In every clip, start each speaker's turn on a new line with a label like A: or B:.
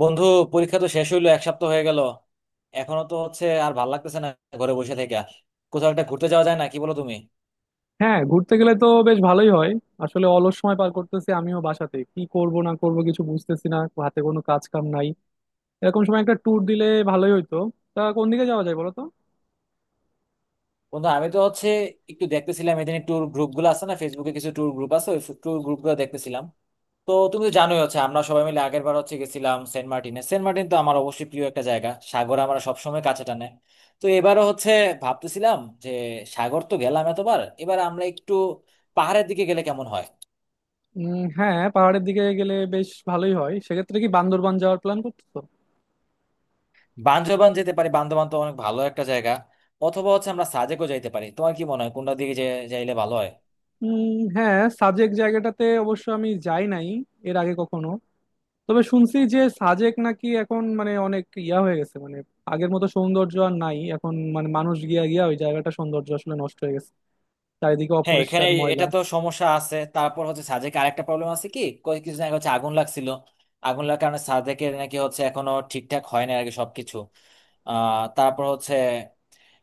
A: বন্ধু, পরীক্ষা তো শেষ হইলো, এক সপ্তাহ হয়ে গেল। এখনো তো আর ভাল লাগতেছে না ঘরে বসে থেকে। কোথাও একটা ঘুরতে যাওয়া যায় না কি, বলো তুমি?
B: হ্যাঁ ঘুরতে গেলে তো বেশ ভালোই হয়। আসলে অলস সময় পার করতেছি আমিও, বাসাতে কি করব না করব কিছু বুঝতেছি না। হাতে কোনো কাজ কাম নাই। এরকম সময় একটা ট্যুর দিলে ভালোই হইতো। তা কোন দিকে যাওয়া যায় বলো তো?
A: বন্ধু, আমি তো একটু দেখতেছিলাম এদিন, ট্যুর গ্রুপ গুলো আছে না, ফেসবুকে কিছু ট্যুর গ্রুপ আছে, ওই ট্যুর গ্রুপ গুলো দেখতেছিলাম। তো তুমি তো জানোই আমরা সবাই মিলে আগের বার গেছিলাম সেন্ট মার্টিনে। সেন্ট মার্টিন তো আমার অবশ্যই প্রিয় একটা জায়গা, সাগর আমরা সবসময় কাছে টানে। তো এবারও ভাবতেছিলাম যে, সাগর তো গেলাম এতবার, এবার আমরা একটু পাহাড়ের দিকে গেলে কেমন হয়?
B: হ্যাঁ, পাহাড়ের দিকে গেলে বেশ ভালোই হয়। সেক্ষেত্রে কি বান্দরবান যাওয়ার প্ল্যান করতেছো?
A: বান্দরবান যেতে পারি, বান্দরবান তো অনেক ভালো একটা জায়গা। অথবা আমরা সাজেকও যাইতে পারি। তোমার কি মনে হয়, কোনটা দিকে যাইলে ভালো হয়?
B: হ্যাঁ, সাজেক জায়গাটাতে অবশ্য আমি যাই নাই এর আগে কখনো। তবে শুনছি যে সাজেক নাকি এখন মানে অনেক ইয়া হয়ে গেছে, মানে আগের মতো সৌন্দর্য আর নাই এখন, মানে মানুষ গিয়া গিয়া ওই জায়গাটা সৌন্দর্য আসলে নষ্ট হয়ে গেছে। চারিদিকে
A: হ্যাঁ, এখানে
B: অপরিষ্কার, ময়লা।
A: এটা তো সমস্যা আছে। তারপর সাজেকে আরেকটা প্রবলেম আছে কি, কয়েক কিছুদিন আগে আগুন লাগছিল। আগুন লাগার কারণে সাজেকের নাকি এখনো ঠিকঠাক হয় না আর কি সবকিছু। তারপর হচ্ছে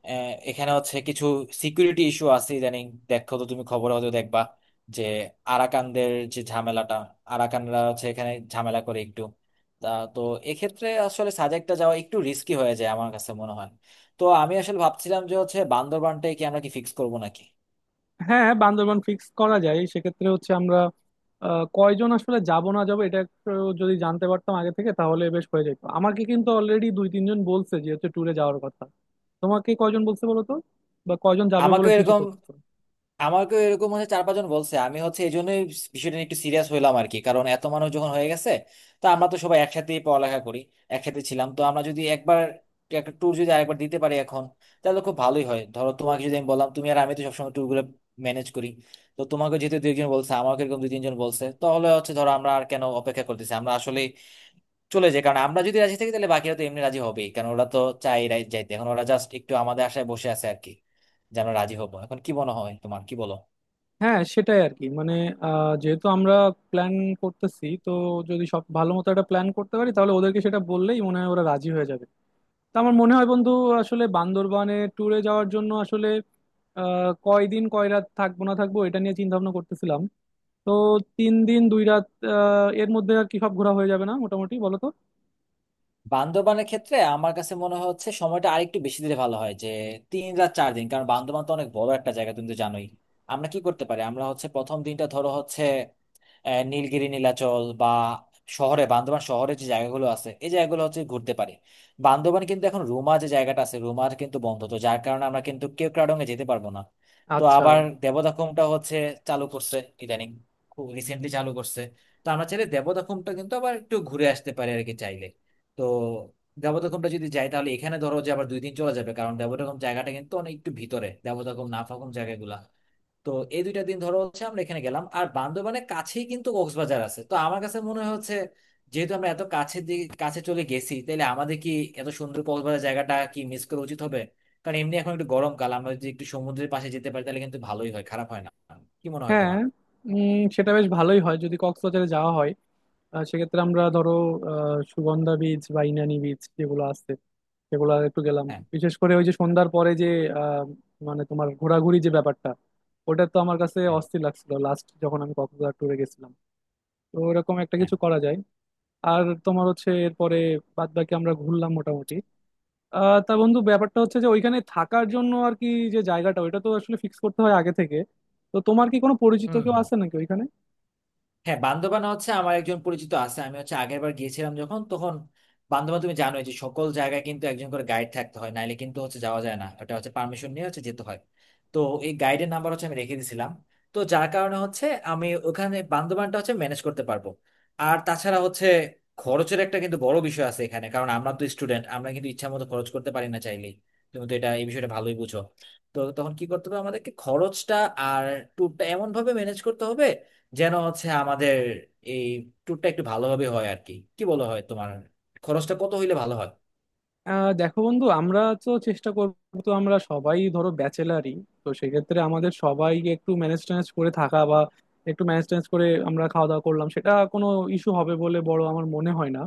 A: আহ, এখানে কিছু সিকিউরিটি ইস্যু আছে ইদানিং। দেখো তো, তুমি খবর হয়তো দেখবা যে আরাকানদের যে ঝামেলাটা, আরাকানরা এখানে ঝামেলা করে একটু। তা তো এক্ষেত্রে আসলে সাজেকটা যাওয়া একটু রিস্কি হয়ে যায় আমার কাছে মনে হয়। তো আমি আসলে ভাবছিলাম যে বান্দরবানটাই কি আমরা কি ফিক্স করবো নাকি?
B: হ্যাঁ, বান্দরবান ফিক্স করা যায়। সেক্ষেত্রে হচ্ছে আমরা, কয়জন আসলে যাব না যাব এটা একটু, যদি জানতে পারতাম আগে থেকে তাহলে বেশ হয়ে যেত। আমাকে কিন্তু অলরেডি 2-3 জন বলছে যে হচ্ছে ট্যুরে যাওয়ার কথা। তোমাকে কয়জন বলছে বলো তো, বা কয়জন যাবে
A: আমাকে
B: বলে ঠিক
A: এরকম
B: করতেছো?
A: আমাকে এরকম চার পাঁচজন বলছে। আমি এই জন্যই বিষয়টা নিয়ে একটু সিরিয়াস হলাম আর কি, কারণ এত মানুষ যখন হয়ে গেছে। তো আমরা তো সবাই একসাথেই পড়ালেখা করি, একসাথে ছিলাম। তো আমরা যদি একবার একটা ট্যুর যদি আরেকবার দিতে পারি এখন, তাহলে খুব ভালোই হয়। ধরো তোমাকে যদি আমি বললাম, তুমি আর আমি তো সবসময় ট্যুর গুলো ম্যানেজ করি। তো তোমাকে যেহেতু দুইজন বলছে, আমাকে এরকম দুই তিনজন বলছে, তাহলে ধরো, আমরা আর কেন অপেক্ষা করতেছি, আমরা আসলে চলে যাই। কারণ আমরা যদি রাজি থাকি তাহলে বাকিরা তো এমনি রাজি হবেই, কারণ ওরা তো যাইতে এখন ওরা জাস্ট একটু আমাদের আশায় বসে আছে আর কি, যে আমরা রাজি হবো। এখন কি মনে হয় তোমার, কি বলো?
B: হ্যাঁ, সেটাই আর কি। মানে, যেহেতু আমরা প্ল্যান করতেছি তো, যদি সব ভালো মতো একটা প্ল্যান করতে পারি তাহলে ওদেরকে সেটা বললেই মনে হয় ওরা রাজি হয়ে যাবে। তা আমার মনে হয় বন্ধু, আসলে বান্দরবানে ট্যুরে যাওয়ার জন্য আসলে কয়দিন কয় রাত থাকবো না থাকবো এটা নিয়ে চিন্তা ভাবনা করতেছিলাম। তো 3 দিন 2 রাত, এর মধ্যে আর কি সব ঘোরা হয়ে যাবে না মোটামুটি বলো তো?
A: বান্দরবানের ক্ষেত্রে আমার কাছে মনে হচ্ছে সময়টা আরেকটু বেশি দিলে ভালো হয়, যে 3 রাত 4 দিন, কারণ বান্দরবান তো অনেক বড় একটা জায়গা, তুমি তো জানোই। আমরা কি করতে পারি, আমরা প্রথম দিনটা ধরো নীলগিরি, নীলাচল বা শহরে, বান্দরবান শহরে যে জায়গাগুলো আছে, এই জায়গাগুলো ঘুরতে পারি। বান্দরবান কিন্তু এখন রুমা যে জায়গাটা আছে, রুমার কিন্তু বন্ধ, তো যার কারণে আমরা কিন্তু কেওক্রাডং এ যেতে পারবো না। তো
B: আচ্ছা,
A: আবার দেবদাখুমটা চালু করছে ইদানিং, খুব রিসেন্টলি চালু করছে। তো আমরা চাইলে দেবদাখুমটা কিন্তু আবার একটু ঘুরে আসতে পারি আর কি, চাইলে। তো দেবদাখুমটা যদি যাই তাহলে এখানে ধরো যে আবার 2 দিন চলে যাবে, কারণ দেবদাখুম জায়গাটা কিন্তু অনেক একটু ভিতরে, দেবদাখুম নাফাখুম জায়গাগুলা। তো এই দুইটা দিন ধরো আমরা এখানে গেলাম। আর বান্দরবানের কাছেই কিন্তু কক্সবাজার আছে, তো আমার কাছে মনে হচ্ছে যেহেতু আমরা এত কাছে কাছে চলে গেছি, তাহলে আমাদের কি এত সুন্দর কক্সবাজার জায়গাটা কি মিস করা উচিত হবে? কারণ এমনি এখন একটু গরমকাল, আমরা যদি একটু সমুদ্রের পাশে যেতে পারি তাহলে কিন্তু ভালোই হয়, খারাপ হয় না। কি মনে হয়
B: হ্যাঁ।
A: তোমার?
B: সেটা বেশ ভালোই হয় যদি কক্সবাজারে যাওয়া হয়। সেক্ষেত্রে আমরা ধরো, সুগন্ধা বিচ বা ইনানি বিচ যেগুলো আছে সেগুলো একটু গেলাম।
A: হ্যাঁ,
B: বিশেষ করে ওই যে সন্ধ্যার পরে যে, আহ, মানে তোমার ঘোরাঘুরি যে ব্যাপারটা, ওটা তো আমার কাছে
A: হ্যাঁ,
B: অস্থির লাগছিল লাস্ট যখন আমি কক্সবাজার ট্যুরে গেছিলাম। তো এরকম একটা
A: হ্যাঁ।
B: কিছু করা যায়। আর তোমার হচ্ছে এরপরে বাদ বাকি আমরা ঘুরলাম মোটামুটি। তা বন্ধু, ব্যাপারটা হচ্ছে যে ওইখানে থাকার জন্য আর কি, যে জায়গাটা ওইটা তো আসলে ফিক্স করতে হয় আগে থেকে। তো তোমার কি কোনো পরিচিত
A: হুম,
B: কেউ
A: হুম।
B: আছে নাকি ওইখানে?
A: হ্যাঁ, বান্দরবান আমার একজন পরিচিত আছে। আমি আগের বার গিয়েছিলাম যখন, তখন বান্দরবান, তুমি জানোই যে সকল জায়গায় কিন্তু একজন করে গাইড থাকতে হয়, নাইলে কিন্তু যাওয়া যায় না, এটা পারমিশন নিয়ে যেতে হয়। তো এই গাইডের নাম্বার আমি রেখে দিয়েছিলাম, তো যার কারণে আমি ওখানে বান্দরবানটা ম্যানেজ করতে পারবো। আর তাছাড়া খরচের একটা কিন্তু বড় বিষয় আছে এখানে, কারণ আমরা তো স্টুডেন্ট, আমরা কিন্তু ইচ্ছা মতো খরচ করতে পারি না চাইলেই। তুমি তো এটা, এই বিষয়টা ভালোই বুঝো। তো তখন কি করতে হবে আমাদেরকে, খরচটা আর ট্যুরটা এমন ভাবে ম্যানেজ করতে হবে যেন আমাদের এই ট্যুরটা একটু ভালোভাবে হয় আর কি। কি বলো হয় তোমার, খরচটা কত হইলে ভালো হয়?
B: দেখো বন্ধু, আমরা তো চেষ্টা করবো। তো আমরা সবাই ধরো ব্যাচেলারই, তো সেক্ষেত্রে আমাদের সবাইকে একটু ম্যানেজ ট্যানেজ করে থাকা বা একটু ম্যানেজ ট্যানেজ করে আমরা খাওয়া দাওয়া করলাম সেটা কোনো ইস্যু হবে বলে বড় আমার মনে হয় না।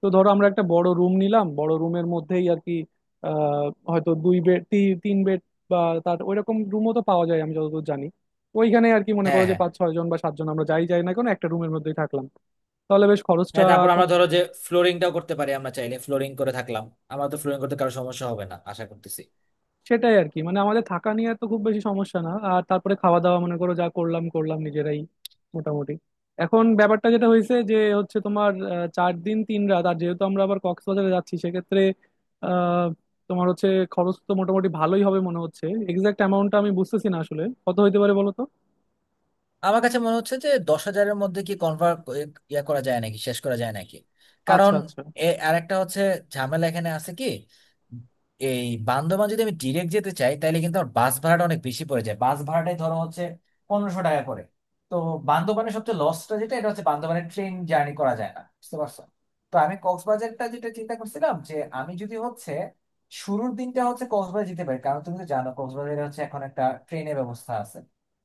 B: তো ধরো আমরা একটা বড় রুম নিলাম, বড় রুমের মধ্যেই আর কি, আহ, হয়তো 2 বেড, 3 বেড, বা তার ওইরকম রুমও তো পাওয়া যায় আমি যতদূর জানি ওইখানে আর কি। মনে
A: হ্যাঁ,
B: করো যে
A: হ্যাঁ,
B: 5-6 জন বা 7 জন আমরা যাই যাই না কেন, একটা রুমের মধ্যেই থাকলাম, তাহলে বেশ খরচটা
A: হ্যাঁ। তারপর
B: কম।
A: আমরা ধরো যে ফ্লোরিংটাও করতে পারি, আমরা চাইলে ফ্লোরিং করে থাকলাম। আমার তো ফ্লোরিং করতে কারো সমস্যা হবে না আশা করতেছি।
B: সেটাই আর কি, মানে আমাদের থাকা নিয়ে তো খুব বেশি সমস্যা না। আর তারপরে খাওয়া দাওয়া মনে করো যা করলাম করলাম নিজেরাই মোটামুটি। এখন ব্যাপারটা যেটা হয়েছে যে হচ্ছে তোমার, 4 দিন 3 রাত, আর যেহেতু আমরা আবার কক্সবাজারে যাচ্ছি সেক্ষেত্রে আহ তোমার হচ্ছে খরচ তো মোটামুটি ভালোই হবে মনে হচ্ছে। এক্সাক্ট অ্যামাউন্টটা আমি বুঝতেছি না আসলে কত হইতে পারে বলো তো।
A: আমার কাছে মনে হচ্ছে যে 10 হাজারের মধ্যে কি কনভার্ট, ইয়া করা যায় নাকি, শেষ করা যায় নাকি।
B: আচ্ছা,
A: কারণ
B: আচ্ছা।
A: আর একটা ঝামেলা এখানে আছে কি, এই বান্দরবান যদি আমি ডিরেক্ট যেতে চাই তাহলে কিন্তু আমার বাস ভাড়াটা অনেক বেশি পড়ে যায়। বাস ভাড়াটাই ধরো 1500 টাকা করে। তো বান্দরবানের সবচেয়ে লসটা যেটা, এটা বান্দরবানের ট্রেন জার্নি করা যায় না, বুঝতে পারছো? তো আমি কক্সবাজারটা যেটা চিন্তা করছিলাম যে আমি যদি শুরুর দিনটা কক্সবাজার যেতে পারি, কারণ তুমি তো জানো কক্সবাজারে এখন একটা ট্রেনের ব্যবস্থা আছে।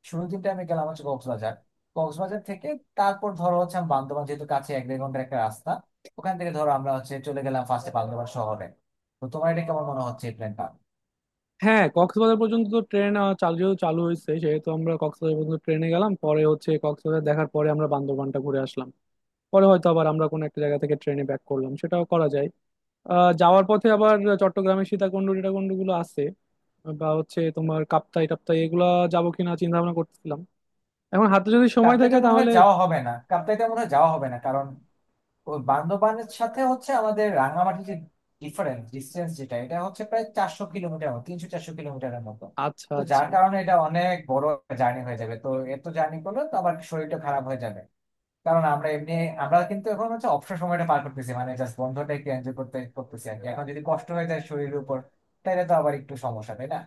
A: শুরুর দিনটা আমি গেলাম কক্সবাজার। কক্সবাজার থেকে তারপর ধরো আমি বান্দরবান, যেহেতু কাছে, 1-1.5 ঘন্টার একটা রাস্তা। ওখান থেকে ধরো আমরা চলে গেলাম ফার্স্টে বান্দরবান শহরে। তো তোমার এটা কেমন মনে হচ্ছে এই প্ল্যানটা?
B: হ্যাঁ, কক্সবাজার পর্যন্ত তো ট্রেন চালু, যেহেতু চালু হয়েছে সেহেতু আমরা কক্সবাজার পর্যন্ত ট্রেনে গেলাম, পরে হচ্ছে কক্সবাজার দেখার পরে আমরা বান্দরবানটা ঘুরে আসলাম। পরে হয়তো আবার আমরা কোনো একটা জায়গা থেকে ট্রেনে ব্যাক করলাম, সেটাও করা যায়। যাওয়ার পথে আবার চট্টগ্রামের সীতাকুণ্ড টিটাকুণ্ড গুলো আছে, বা হচ্ছে তোমার কাপ্তাই টাপ্তাই এগুলা যাবো কিনা চিন্তা ভাবনা করতেছিলাম, এখন হাতে যদি সময় থাকে তাহলে।
A: কাপ্তাইটা মনে হয় যাওয়া হবে না, কারণ ওই বান্দরবানের সাথে আমাদের রাঙামাটি যে ডিস্টেন্স যেটা, এটা প্রায় 400 কিলোমিটার মতো, 300-400 কিলোমিটারের মতো।
B: আচ্ছা,
A: তো
B: আচ্ছা।
A: যার কারণে এটা অনেক বড় জার্নি হয়ে যাবে। তো এত জার্নি করলে তো আবার শরীরটা খারাপ হয়ে যাবে, কারণ আমরা এমনি আমরা কিন্তু এখন অবসর সময়টা পার করতেছি, মানে জাস্ট বন্ধটা একটু এনজয় করতে করতেছি আর কি। এখন যদি কষ্ট হয়ে যায় শরীরের উপর তাহলে তো আবার একটু সমস্যা, তাই না?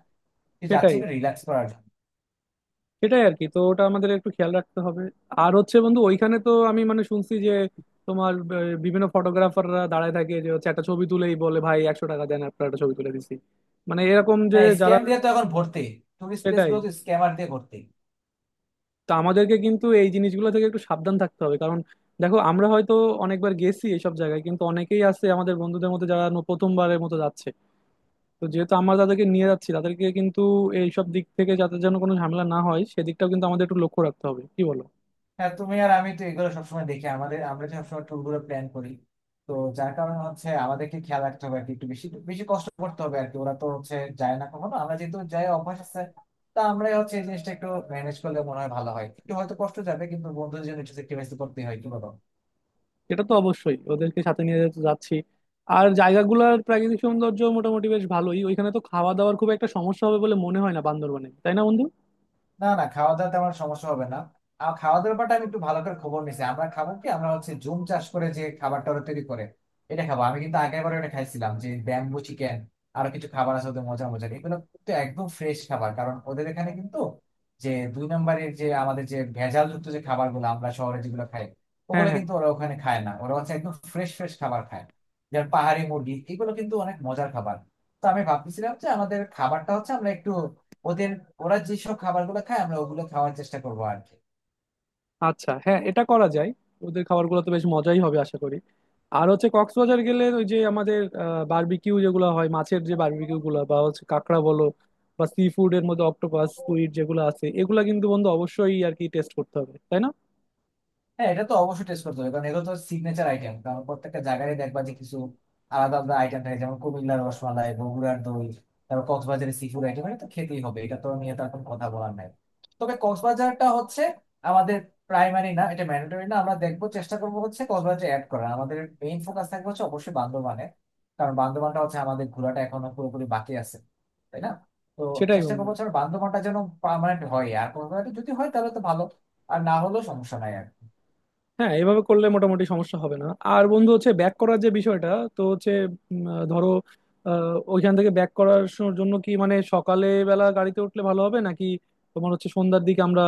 A: তুই যাচ্ছে
B: সেটাই,
A: একটু রিল্যাক্স করার জন্য।
B: সেটাই আর কি, তো ওটা আমাদের একটু খেয়াল রাখতে হবে। আর হচ্ছে বন্ধু, ওইখানে তো আমি মানে শুনছি যে তোমার, বিভিন্ন ফটোগ্রাফাররা দাঁড়ায় থাকে যে হচ্ছে একটা ছবি তুলেই বলে, ভাই 100 টাকা দেন আপনার একটা ছবি তুলে দিছি। মানে এরকম যে
A: হ্যাঁ,
B: যারা।
A: স্ক্যাম দিয়ে তো এখন ভর্তি, টুরিস্ট প্লেস
B: সেটাই,
A: গুলো তো স্ক্যামার দিয়ে ভর্তি।
B: তো আমাদেরকে কিন্তু এই জিনিসগুলো থেকে একটু সাবধান থাকতে হবে। কারণ দেখো, আমরা হয়তো অনেকবার গেছি এইসব জায়গায়, কিন্তু অনেকেই আছে আমাদের বন্ধুদের মধ্যে যারা প্রথমবারের মতো যাচ্ছে। তো যেহেতু আমরা তাদেরকে নিয়ে যাচ্ছি, তাদেরকে কিন্তু এইসব দিক থেকে যাতে যেন কোনো ঝামেলা না হয় সেদিকটাও কিন্তু আমাদের একটু লক্ষ্য রাখতে হবে, কি বলো?
A: হ্যাঁ, তুমি আর আমি তো এগুলো সবসময় দেখি, আমাদের আমরা যে সবসময় ট্যুর গুলো প্ল্যান করি। তো যার কারণে আমাদেরকে খেয়াল রাখতে হবে আর কি, একটু বেশি বেশি কষ্ট করতে হবে আর কি। ওরা তো যায় না কখনো, আমরা যেহেতু যাই, অভ্যাস আছে। তা আমরাই এই জিনিসটা একটু ম্যানেজ করলে মনে হয় ভালো হয়। একটু হয়তো কষ্ট যাবে, কিন্তু বন্ধুদের জন্য একটু স্যাক্রিফাইস করতে হয়, কি বলো?
B: এটা তো অবশ্যই, ওদেরকে সাথে নিয়ে যেহেতু যাচ্ছি। আর জায়গাগুলোর প্রাকৃতিক সৌন্দর্য মোটামুটি বেশ ভালোই। ওইখানে তো খাওয়া দাওয়ার খুব একটা সমস্যা হবে বলে মনে হয় না বান্দরবানে, তাই না বন্ধু?
A: না, না, খাওয়া দাওয়াতে আমার সমস্যা হবে না। আর খাওয়া দাওয়ার ব্যাপারটা আমি একটু ভালো করে খবর নিছি। আমরা খাবার কি, আমরা জুম চাষ করে যে খাবারটা ওরা তৈরি করে, এটা খাবো। আমি কিন্তু আগের বার এটা খাইছিলাম, যে ব্যাম্বু চিকেন। আরো কিছু খাবার আছে ওদের মজা মজার, এগুলো কিন্তু একদম ফ্রেশ খাবার, কারণ ওদের এখানে কিন্তু যে দুই নম্বরের যে আমাদের যে ভেজাল যুক্ত যে খাবারগুলো আমরা শহরে যেগুলো খাই,
B: হ্যাঁ,
A: ওগুলো
B: হ্যাঁ।
A: কিন্তু ওরা ওখানে খায় না। ওরা একদম ফ্রেশ ফ্রেশ খাবার খায়। যেমন পাহাড়ি মুরগি, এগুলো কিন্তু অনেক মজার খাবার। তো আমি ভাবতেছিলাম যে আমাদের খাবারটা আমরা একটু ওদের, ওরা যেসব খাবারগুলো খায় আমরা ওগুলো খাওয়ার চেষ্টা করবো আর কি।
B: আচ্ছা, হ্যাঁ, এটা করা যায়। ওদের খাবারগুলো তো বেশ মজাই হবে আশা করি। আর হচ্ছে কক্সবাজার গেলে ওই যে আমাদের বারবিকিউ যেগুলো হয়, মাছের যে বারবিকিউ গুলো, বা হচ্ছে কাঁকড়া বলো, বা সি ফুড এর মধ্যে অক্টোপাস স্কুইড যেগুলো আছে, এগুলা কিন্তু বন্ধু অবশ্যই আর কি টেস্ট করতে হবে তাই না?
A: হ্যাঁ, এটা তো অবশ্যই টেস্ট করতে হবে, কারণ এগুলো তো সিগনেচার আইটেম। কারণ প্রত্যেকটা জায়গায় দেখবা যে কিছু আলাদা আলাদা আইটেম থাকে, যেমন কুমিল্লার রসমালাই, বগুড়ার দই, তারপর কক্সবাজারের সি ফুড আইটেম, এটা তো খেতেই হবে, এটা তো নিয়ে তার কোনো কথা বলার নাই। তবে কক্সবাজারটা আমাদের প্রাইমারি না, এটা ম্যান্ডেটরি না। আমরা দেখবো, চেষ্টা করবো কক্সবাজার অ্যাড করা। আমাদের মেইন ফোকাস থাকবে অবশ্যই বান্দরবানে, কারণ বান্দরবানটা আমাদের ঘোরাটা এখনো পুরোপুরি বাকি আছে, তাই না? তো
B: সেটাই
A: চেষ্টা
B: বন্ধু।
A: করবো আমার বান্দরবানটা যেন পার্মানেন্ট হয়, আর কক্সবাজারটা যদি হয় তাহলে তো ভালো, আর না হলেও সমস্যা নাই আর।
B: হ্যাঁ, এভাবে করলে মোটামুটি সমস্যা হবে না। আর বন্ধু হচ্ছে ব্যাক করার যে বিষয়টা, তো হচ্ছে, ধরো, ওইখান থেকে ব্যাক করার জন্য কি মানে সকালে বেলা গাড়িতে উঠলে ভালো হবে নাকি তোমার হচ্ছে সন্ধ্যার দিকে আমরা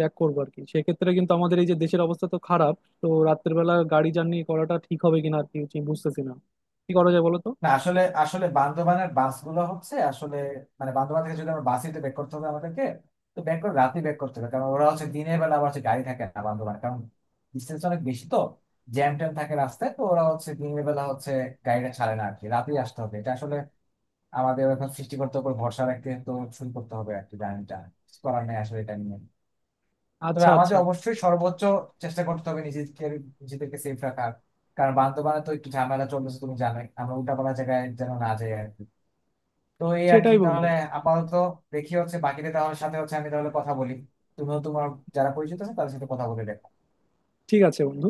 B: ব্যাক করবো আর কি? সেক্ষেত্রে কিন্তু আমাদের এই যে দেশের অবস্থা তো খারাপ, তো রাত্রের বেলা গাড়ি জার্নি করাটা ঠিক হবে কিনা আর কি বুঝতেছি না, কি করা যায় বলো তো?
A: না, আসলে আসলে বান্দরবানের বাসগুলো আসলে মানে বান্দরবান থেকে যদি আমরা বাসিতে ব্যাক করতে হবে আমাদেরকে, তো ব্যাক করে রাতে ব্যাক করতে হবে, কারণ ওরা দিনের বেলা আবার গাড়ি থাকে না বান্দরবান, কারণ ডিস্টেন্স অনেক বেশি। তো জ্যাম ট্যাম থাকে রাস্তায়, তো ওরা দিনের বেলা গাড়িটা ছাড়ে না আর কি। রাতেই আসতে হবে, এটা আসলে আমাদের এখন সৃষ্টিকর্তার উপর ভরসা রাখতে, তো শুরু করতে হবে আর কি জার্নিটা, করার নেই আসলে এটা নিয়ে। তবে
B: আচ্ছা, আচ্ছা।
A: আমাদের অবশ্যই সর্বোচ্চ চেষ্টা করতে হবে নিজেদের, নিজেদেরকে সেফ রাখার, কারণ বান্দরবানে তো একটু ঝামেলা চলতেছে, তুমি জানোই। আমরা উল্টাপাল্টা জায়গায় যেন না যাই আর কি। তো এই আর কি,
B: সেটাই বন্ধু।
A: তাহলে আপাতত দেখি বাকিদের তাহলে সাথে আমি তাহলে কথা বলি। তুমিও তোমার যারা পরিচিত আছে তাদের সাথে কথা বলে দেখো।
B: ঠিক আছে বন্ধু।